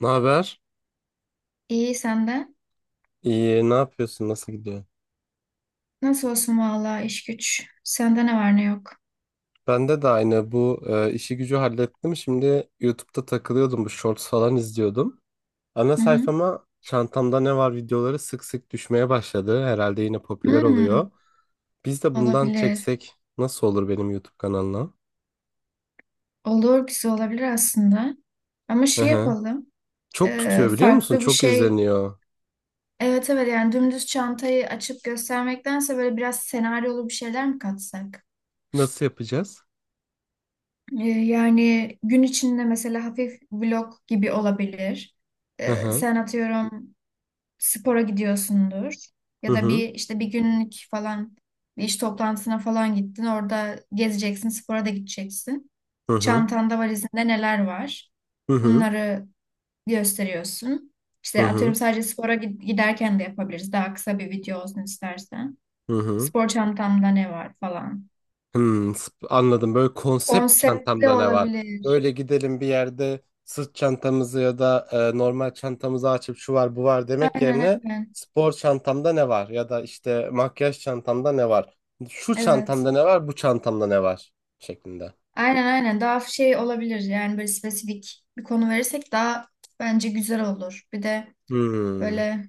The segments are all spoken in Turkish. Ne haber? İyi senden. İyi, ne yapıyorsun? Nasıl gidiyor? Nasıl olsun vallahi iş güç. Sende ne var ne yok. Bende de aynı bu işi gücü hallettim. Şimdi YouTube'da takılıyordum, bu shorts falan izliyordum. Ana Hı hı. sayfama çantamda ne var videoları sık sık düşmeye başladı. Herhalde yine popüler Hmm, oluyor. Biz de bundan olabilir. çeksek nasıl olur benim YouTube kanalına? Olur güzel olabilir aslında. Ama Hı şey hı. yapalım. Çok tutuyor biliyor musun? Farklı bir Çok şey. izleniyor. Evet, yani dümdüz çantayı açıp göstermektense böyle biraz senaryolu bir şeyler mi katsak? Nasıl yapacağız? Yani gün içinde mesela hafif vlog gibi olabilir. Hı hı. Sen atıyorum spora gidiyorsundur Hı ya da hı. bir işte bir günlük falan bir iş toplantısına falan gittin. Orada gezeceksin, spora da gideceksin. Hı hı. Çantanda valizinde neler var? Hı hı. Bunları gösteriyorsun. Hı İşte hı. atıyorum giderken de yapabiliriz. Daha kısa bir video olsun istersen. Hı hı. Spor çantamda ne var falan. Anladım. Böyle konsept Konseptli çantamda ne var? olabilir. Böyle gidelim bir yerde sırt çantamızı ya da normal çantamızı açıp şu var bu var demek Aynen yerine aynen. spor çantamda ne var? Ya da işte makyaj çantamda ne var? Şu Evet. çantamda ne var? Bu çantamda ne var şeklinde. Aynen aynen. Daha şey olabilir yani böyle spesifik bir konu verirsek daha bence güzel olur. Bir de Hmm. böyle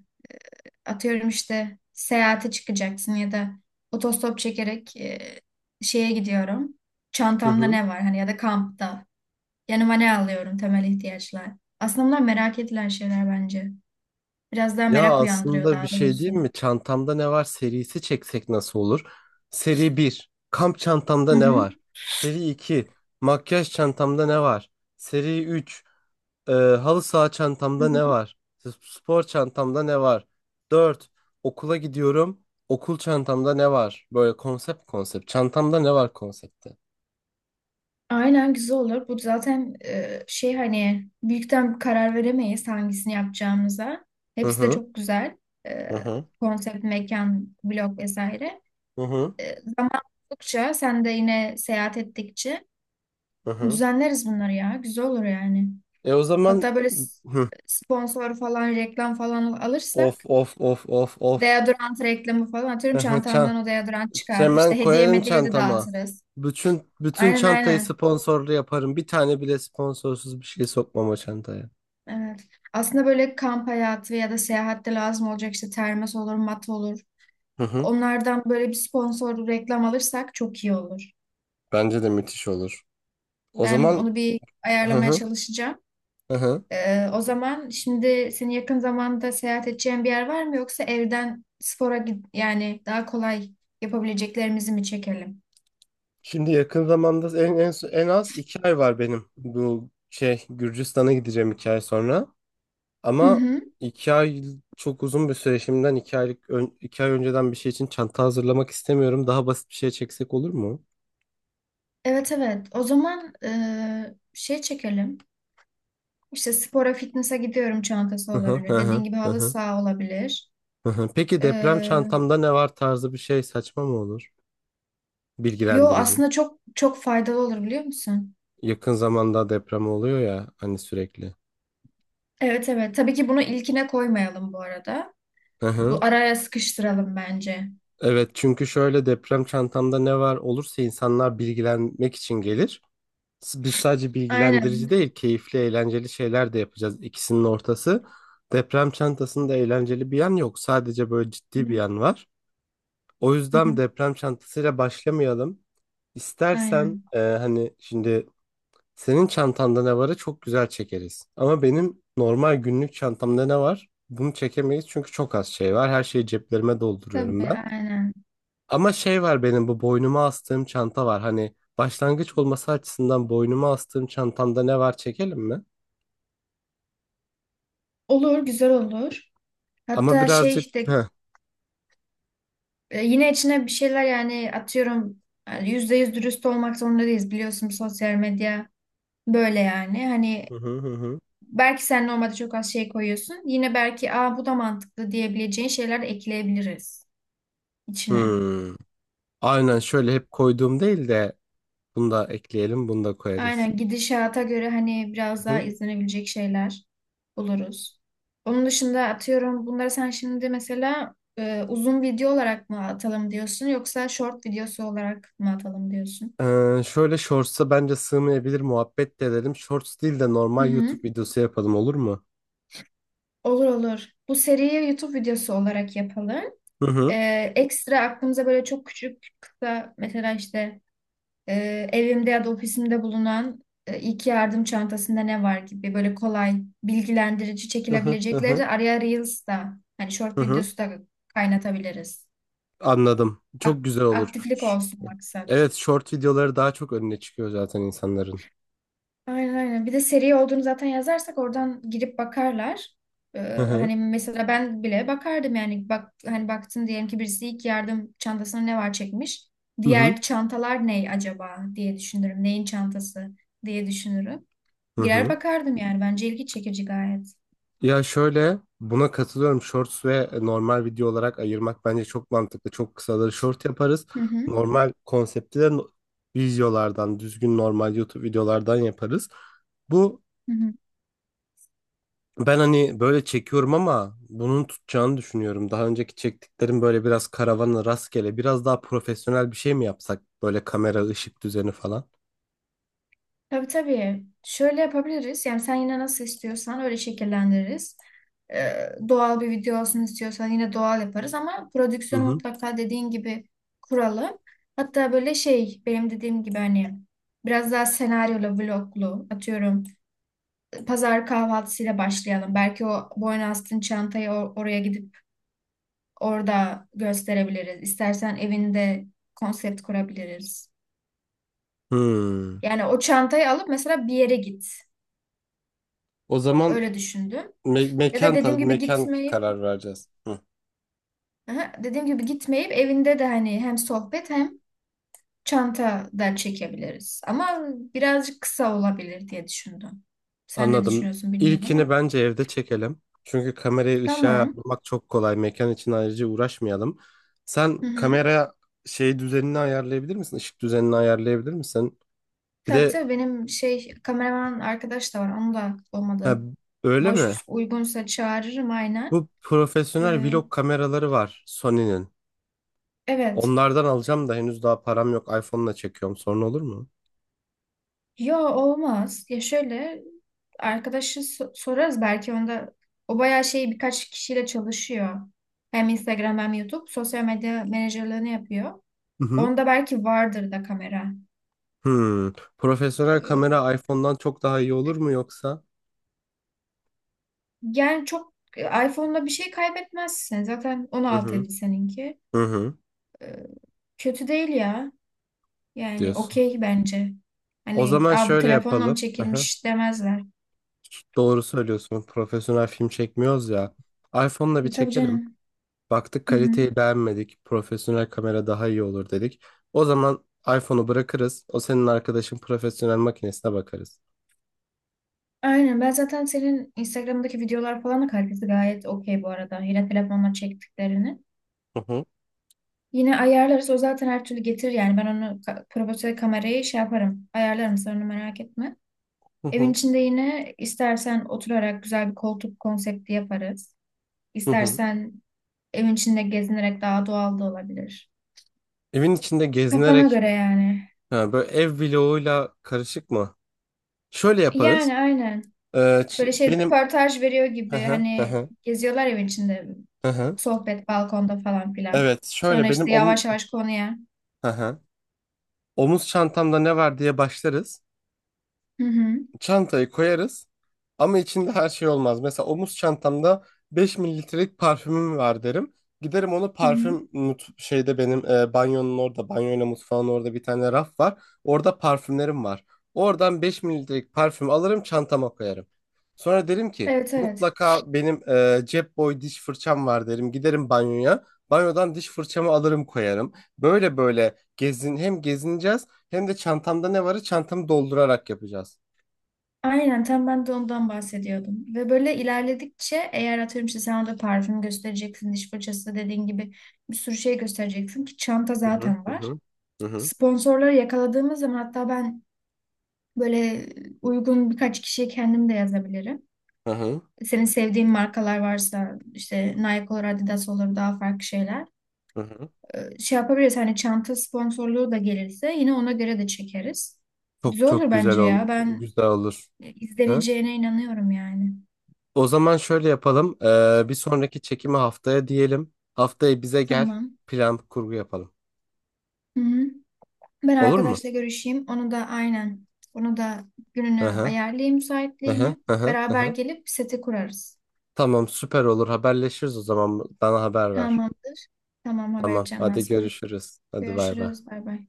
atıyorum işte seyahate çıkacaksın ya da otostop çekerek şeye gidiyorum. Hı Çantamda hı. ne var hani ya da kampta. Yanıma ne alıyorum, temel ihtiyaçlar. Aslında bunlar merak edilen şeyler bence. Biraz daha Ya merak uyandırıyor, aslında bir daha şey doğrusu. diyeyim mi? Çantamda ne var serisi çeksek nasıl olur? Seri bir. Kamp çantamda Hı ne hı. var? Seri 2. Makyaj çantamda ne var? Seri 3. Halı saha Hı çantamda ne hı. var? Spor çantamda ne var? 4. Okula gidiyorum. Okul çantamda ne var? Böyle konsept konsept. Çantamda ne var konsepti? Aynen, güzel olur. Bu zaten şey, hani büyükten bir karar veremeyiz hangisini yapacağımıza. Hı Hepsi de hı. çok güzel. E, Hı hı. Konsept, mekan, blog vesaire. Hı hı. Zaman buldukça sen de yine seyahat ettikçe Hı hı. düzenleriz bunları ya. Güzel olur yani. E o zaman Hatta hı. sponsor falan reklam falan Of alırsak of of of of. deodorant reklamı falan, atıyorum, Hı hı. çantandan o deodorant çıkar. İşte Hemen hediye koyarım medyaya de çantama. dağıtırız. Bütün bütün Aynen çantayı aynen. sponsorlu yaparım. Bir tane bile sponsorsuz bir şey sokmam o çantaya. Evet. Aslında böyle kamp hayatı ya da seyahatte lazım olacak işte termos olur, mat olur. Hı hı. Onlardan böyle bir sponsor reklam alırsak çok iyi olur. Bence de müthiş olur. O Ben zaman onu bir hı ayarlamaya hı. çalışacağım. Hı hı. O zaman şimdi senin yakın zamanda seyahat edeceğin bir yer var mı, yoksa yani daha kolay yapabileceklerimizi mi çekelim? Şimdi yakın zamanda en az 2 ay var benim bu şey Gürcistan'a gideceğim 2 ay sonra. Hı Ama hı. 2 ay çok uzun bir süre şimdiden 2 aylık 2 ay önceden bir şey için çanta hazırlamak istemiyorum. Daha basit bir şey çeksek olur mu? Evet. O zaman şey çekelim. İşte spora, fitness'a gidiyorum çantası Hı hı, olabilir. hı Dediğin hı, gibi hı halı hı, saha olabilir. hı hı. Peki deprem Ee, çantamda ne var tarzı bir şey saçma mı olur? Yo, Bilgilendirici. aslında çok çok faydalı olur, biliyor musun? Yakın zamanda deprem oluyor ya hani sürekli. Evet evet. Tabii ki bunu ilkine koymayalım bu arada. Hı hı. Bu araya sıkıştıralım bence. Evet, çünkü şöyle deprem çantamda ne var olursa insanlar bilgilenmek için gelir. Biz sadece bilgilendirici Aynen. değil, keyifli, eğlenceli şeyler de yapacağız. İkisinin ortası. Deprem çantasında eğlenceli bir yan yok. Sadece böyle Hı ciddi bir hı. yan var. O Hı yüzden hı. deprem çantasıyla başlamayalım. İstersen Aynen. Hani şimdi senin çantanda ne varı çok güzel çekeriz. Ama benim normal günlük çantamda ne var? Bunu çekemeyiz çünkü çok az şey var. Her şeyi ceplerime dolduruyorum Tabii aynen. ama şey var benim bu boynuma astığım çanta var. Hani başlangıç olması açısından boynuma astığım çantamda ne var çekelim mi? Olur, güzel olur. Ama Hatta şey, birazcık işte heh. Yine içine bir şeyler, yani atıyorum, yani yüzde yüz dürüst olmak zorunda değiliz, biliyorsun sosyal medya böyle yani. Hani Hı hı hı. Hı. belki sen normalde çok az şey koyuyorsun. Yine belki, aa bu da mantıklı diyebileceğin şeyler de ekleyebiliriz içine. Hmm. Aynen şöyle hep koyduğum değil de bunu da ekleyelim, bunu da koyarız. Aynen, gidişata göre hani biraz daha Hı. izlenebilecek şeyler buluruz. Onun dışında atıyorum bunları sen şimdi mesela uzun video olarak mı atalım diyorsun, yoksa short videosu olarak mı atalım diyorsun? Şöyle shorts'a bence sığmayabilir muhabbet de edelim. Shorts değil de Hı normal hı. YouTube videosu yapalım olur mu? Olur olur. Bu seriye YouTube videosu olarak yapalım. Hı hı. Ekstra aklımıza böyle çok küçük kısa, mesela işte evimde ya da ofisimde bulunan ilk yardım çantasında ne var gibi, böyle kolay bilgilendirici Hı hı hı çekilebilecekleri hı. de araya Reels da hani short Hı hı. videosu da kaynatabiliriz. Anladım. Ak- Çok güzel olur. Aktiflik olsun maksat. Evet, short videoları daha çok önüne çıkıyor zaten insanların. Aynen aynen. Bir de seri olduğunu zaten yazarsak oradan girip bakarlar. Ee, Hani mesela ben bile bakardım yani. Bak, hani baktın diyelim ki birisi ilk yardım çantasına ne var çekmiş. Hı hı. Diğer çantalar ne acaba diye düşünürüm. Neyin çantası diye düşünürüm. Hı Girer hı. bakardım yani. Bence ilgi çekici gayet. Ya şöyle buna katılıyorum. Shorts ve normal video olarak ayırmak bence çok mantıklı. Çok kısaları short yaparız. Hı hı. Normal konsepti de videolardan, düzgün normal YouTube videolardan yaparız. Bu Hı hı. ben hani böyle çekiyorum ama bunun tutacağını düşünüyorum. Daha önceki çektiklerim böyle biraz karavanı rastgele, biraz daha profesyonel bir şey mi yapsak? Böyle kamera, ışık düzeni falan. Tabii tabii. Şöyle yapabiliriz. Yani sen yine nasıl istiyorsan öyle şekillendiririz. Doğal bir video olsun istiyorsan yine doğal yaparız, ama Hı prodüksiyonu hı. mutlaka dediğin gibi kuralım. Hatta böyle şey, benim dediğim gibi hani biraz daha senaryolu, vloglu atıyorum. Pazar kahvaltısıyla başlayalım. Belki o boyna oraya gidip orada gösterebiliriz. İstersen evinde konsept kurabiliriz. Hmm. Yani o çantayı alıp mesela bir yere git. O zaman Öyle düşündüm. Ya da mekan dediğim tabii gibi mekan gitmeyip, karar vereceğiz. Hı. aha, dediğim gibi gitmeyip evinde de hani hem sohbet hem çanta da çekebiliriz. Ama birazcık kısa olabilir diye düşündüm. Sen ne Anladım. düşünüyorsun bilmiyorum İlkini ama. bence evde çekelim. Çünkü kamerayı ışığa Tamam. ayarlamak çok kolay. Mekan için ayrıca uğraşmayalım. Sen Hı hı. kamera şey düzenini ayarlayabilir misin? Işık düzenini ayarlayabilir misin? Bir Tabii de tabii, benim şey kameraman arkadaş da var. Onu da ha, olmadı. öyle Boş mi? uygunsa çağırırım aynen. Bu profesyonel Ee, vlog kameraları var Sony'nin. evet. Onlardan alacağım da henüz daha param yok. iPhone'la çekiyorum. Sorun olur mu? Yo, olmaz. Ya şöyle, sorarız, belki onda, o bayağı şey, birkaç kişiyle çalışıyor. Hem Instagram hem YouTube sosyal medya menajerliğini yapıyor. Hı hı. Onda belki vardır da kamera. Hmm. Profesyonel Ee, kamera iPhone'dan çok daha iyi olur mu yoksa? Yani çok iPhone'da bir şey kaybetmezsin. Zaten Hı 16 hı. idi seninki. Hı hı. Ee, Kötü değil ya. Yani Diyorsun. okey bence. O Hani, zaman aa, bu şöyle telefonla mı yapalım. çekilmiş demezler. Doğru söylüyorsun. Profesyonel film çekmiyoruz ya. iPhone'la bir E, tabii çekelim. canım. Baktık Hı hı. kaliteyi beğenmedik. Profesyonel kamera daha iyi olur dedik. O zaman iPhone'u bırakırız. O senin arkadaşın profesyonel makinesine bakarız. Aynen. Ben zaten senin Instagram'daki videolar falan da kalitesi gayet okey bu arada. Yine telefonla çektiklerini. Hı hı, Yine ayarlarız. O zaten her türlü getirir yani. Ben profesyonel kamerayı şey yaparım. Ayarlarım. Sen onu merak etme. hı Evin hı, içinde yine istersen oturarak güzel bir koltuk konsepti yaparız. hı hı. İstersen evin içinde gezinerek daha doğal da olabilir. Evin içinde Kafana gezinerek göre yani. ha, böyle ev vloguyla karışık mı? Şöyle yaparız. Yani aynen. Ee, Böyle şey, Benim. röportaj veriyor Hı gibi hı, hı hani hı, geziyorlar evin içinde, hı hı. sohbet balkonda falan filan. Evet, Sonra şöyle benim işte yavaş yavaş konuya. Hı hı. Omuz çantamda ne var diye başlarız. Hı hı. Çantayı koyarız ama içinde her şey olmaz. Mesela omuz çantamda 5 ml'lik parfümüm var derim. Giderim onu Hı hı. parfüm şeyde benim banyonun orada, banyoyla mutfağın orada bir tane raf var. Orada parfümlerim var. Oradan 5 ml'lik parfüm alırım çantama koyarım. Sonra derim ki Evet evet. mutlaka benim cep boy diş fırçam var derim. Giderim banyoya. Banyodan diş fırçamı alırım koyarım. Böyle böyle hem gezineceğiz hem de çantamda ne varı çantamı doldurarak yapacağız. Aynen, tam ben de ondan bahsediyordum. Ve böyle ilerledikçe eğer atıyorum işte sen orada parfüm göstereceksin, diş fırçası dediğin gibi bir sürü şey göstereceksin ki çanta Hı hı zaten hı var. hı hı hı Sponsorları yakaladığımız zaman hatta ben böyle uygun birkaç kişiye kendim de yazabilirim. hı hı. Senin sevdiğin markalar varsa işte Nike olur, Adidas olur, daha farklı şeyler. Hı hı. Şey yapabiliriz, hani çanta sponsorluğu da gelirse yine ona göre de çekeriz. Çok Güzel çok olur güzel bence olur. ya. Ben Güzel olur. Hı? izleneceğine inanıyorum yani. O zaman şöyle yapalım. Bir sonraki çekimi haftaya diyelim. Haftaya bize gel. Tamam. Plan kurgu yapalım. Hı-hı. Ben Olur mu? arkadaşla görüşeyim. Onu da aynen. Onu da Hı gününü hı. ayarlayayım, Hı hı. müsaitliğini. Hı hı. Hı Beraber hı. gelip seti kurarız. Tamam süper olur. Haberleşiriz o zaman. Bana haber ver. Tamamdır. Tamam, haber Tamam. edeceğim ben Hadi sana. görüşürüz. Hadi bay bay. Görüşürüz. Bay bay.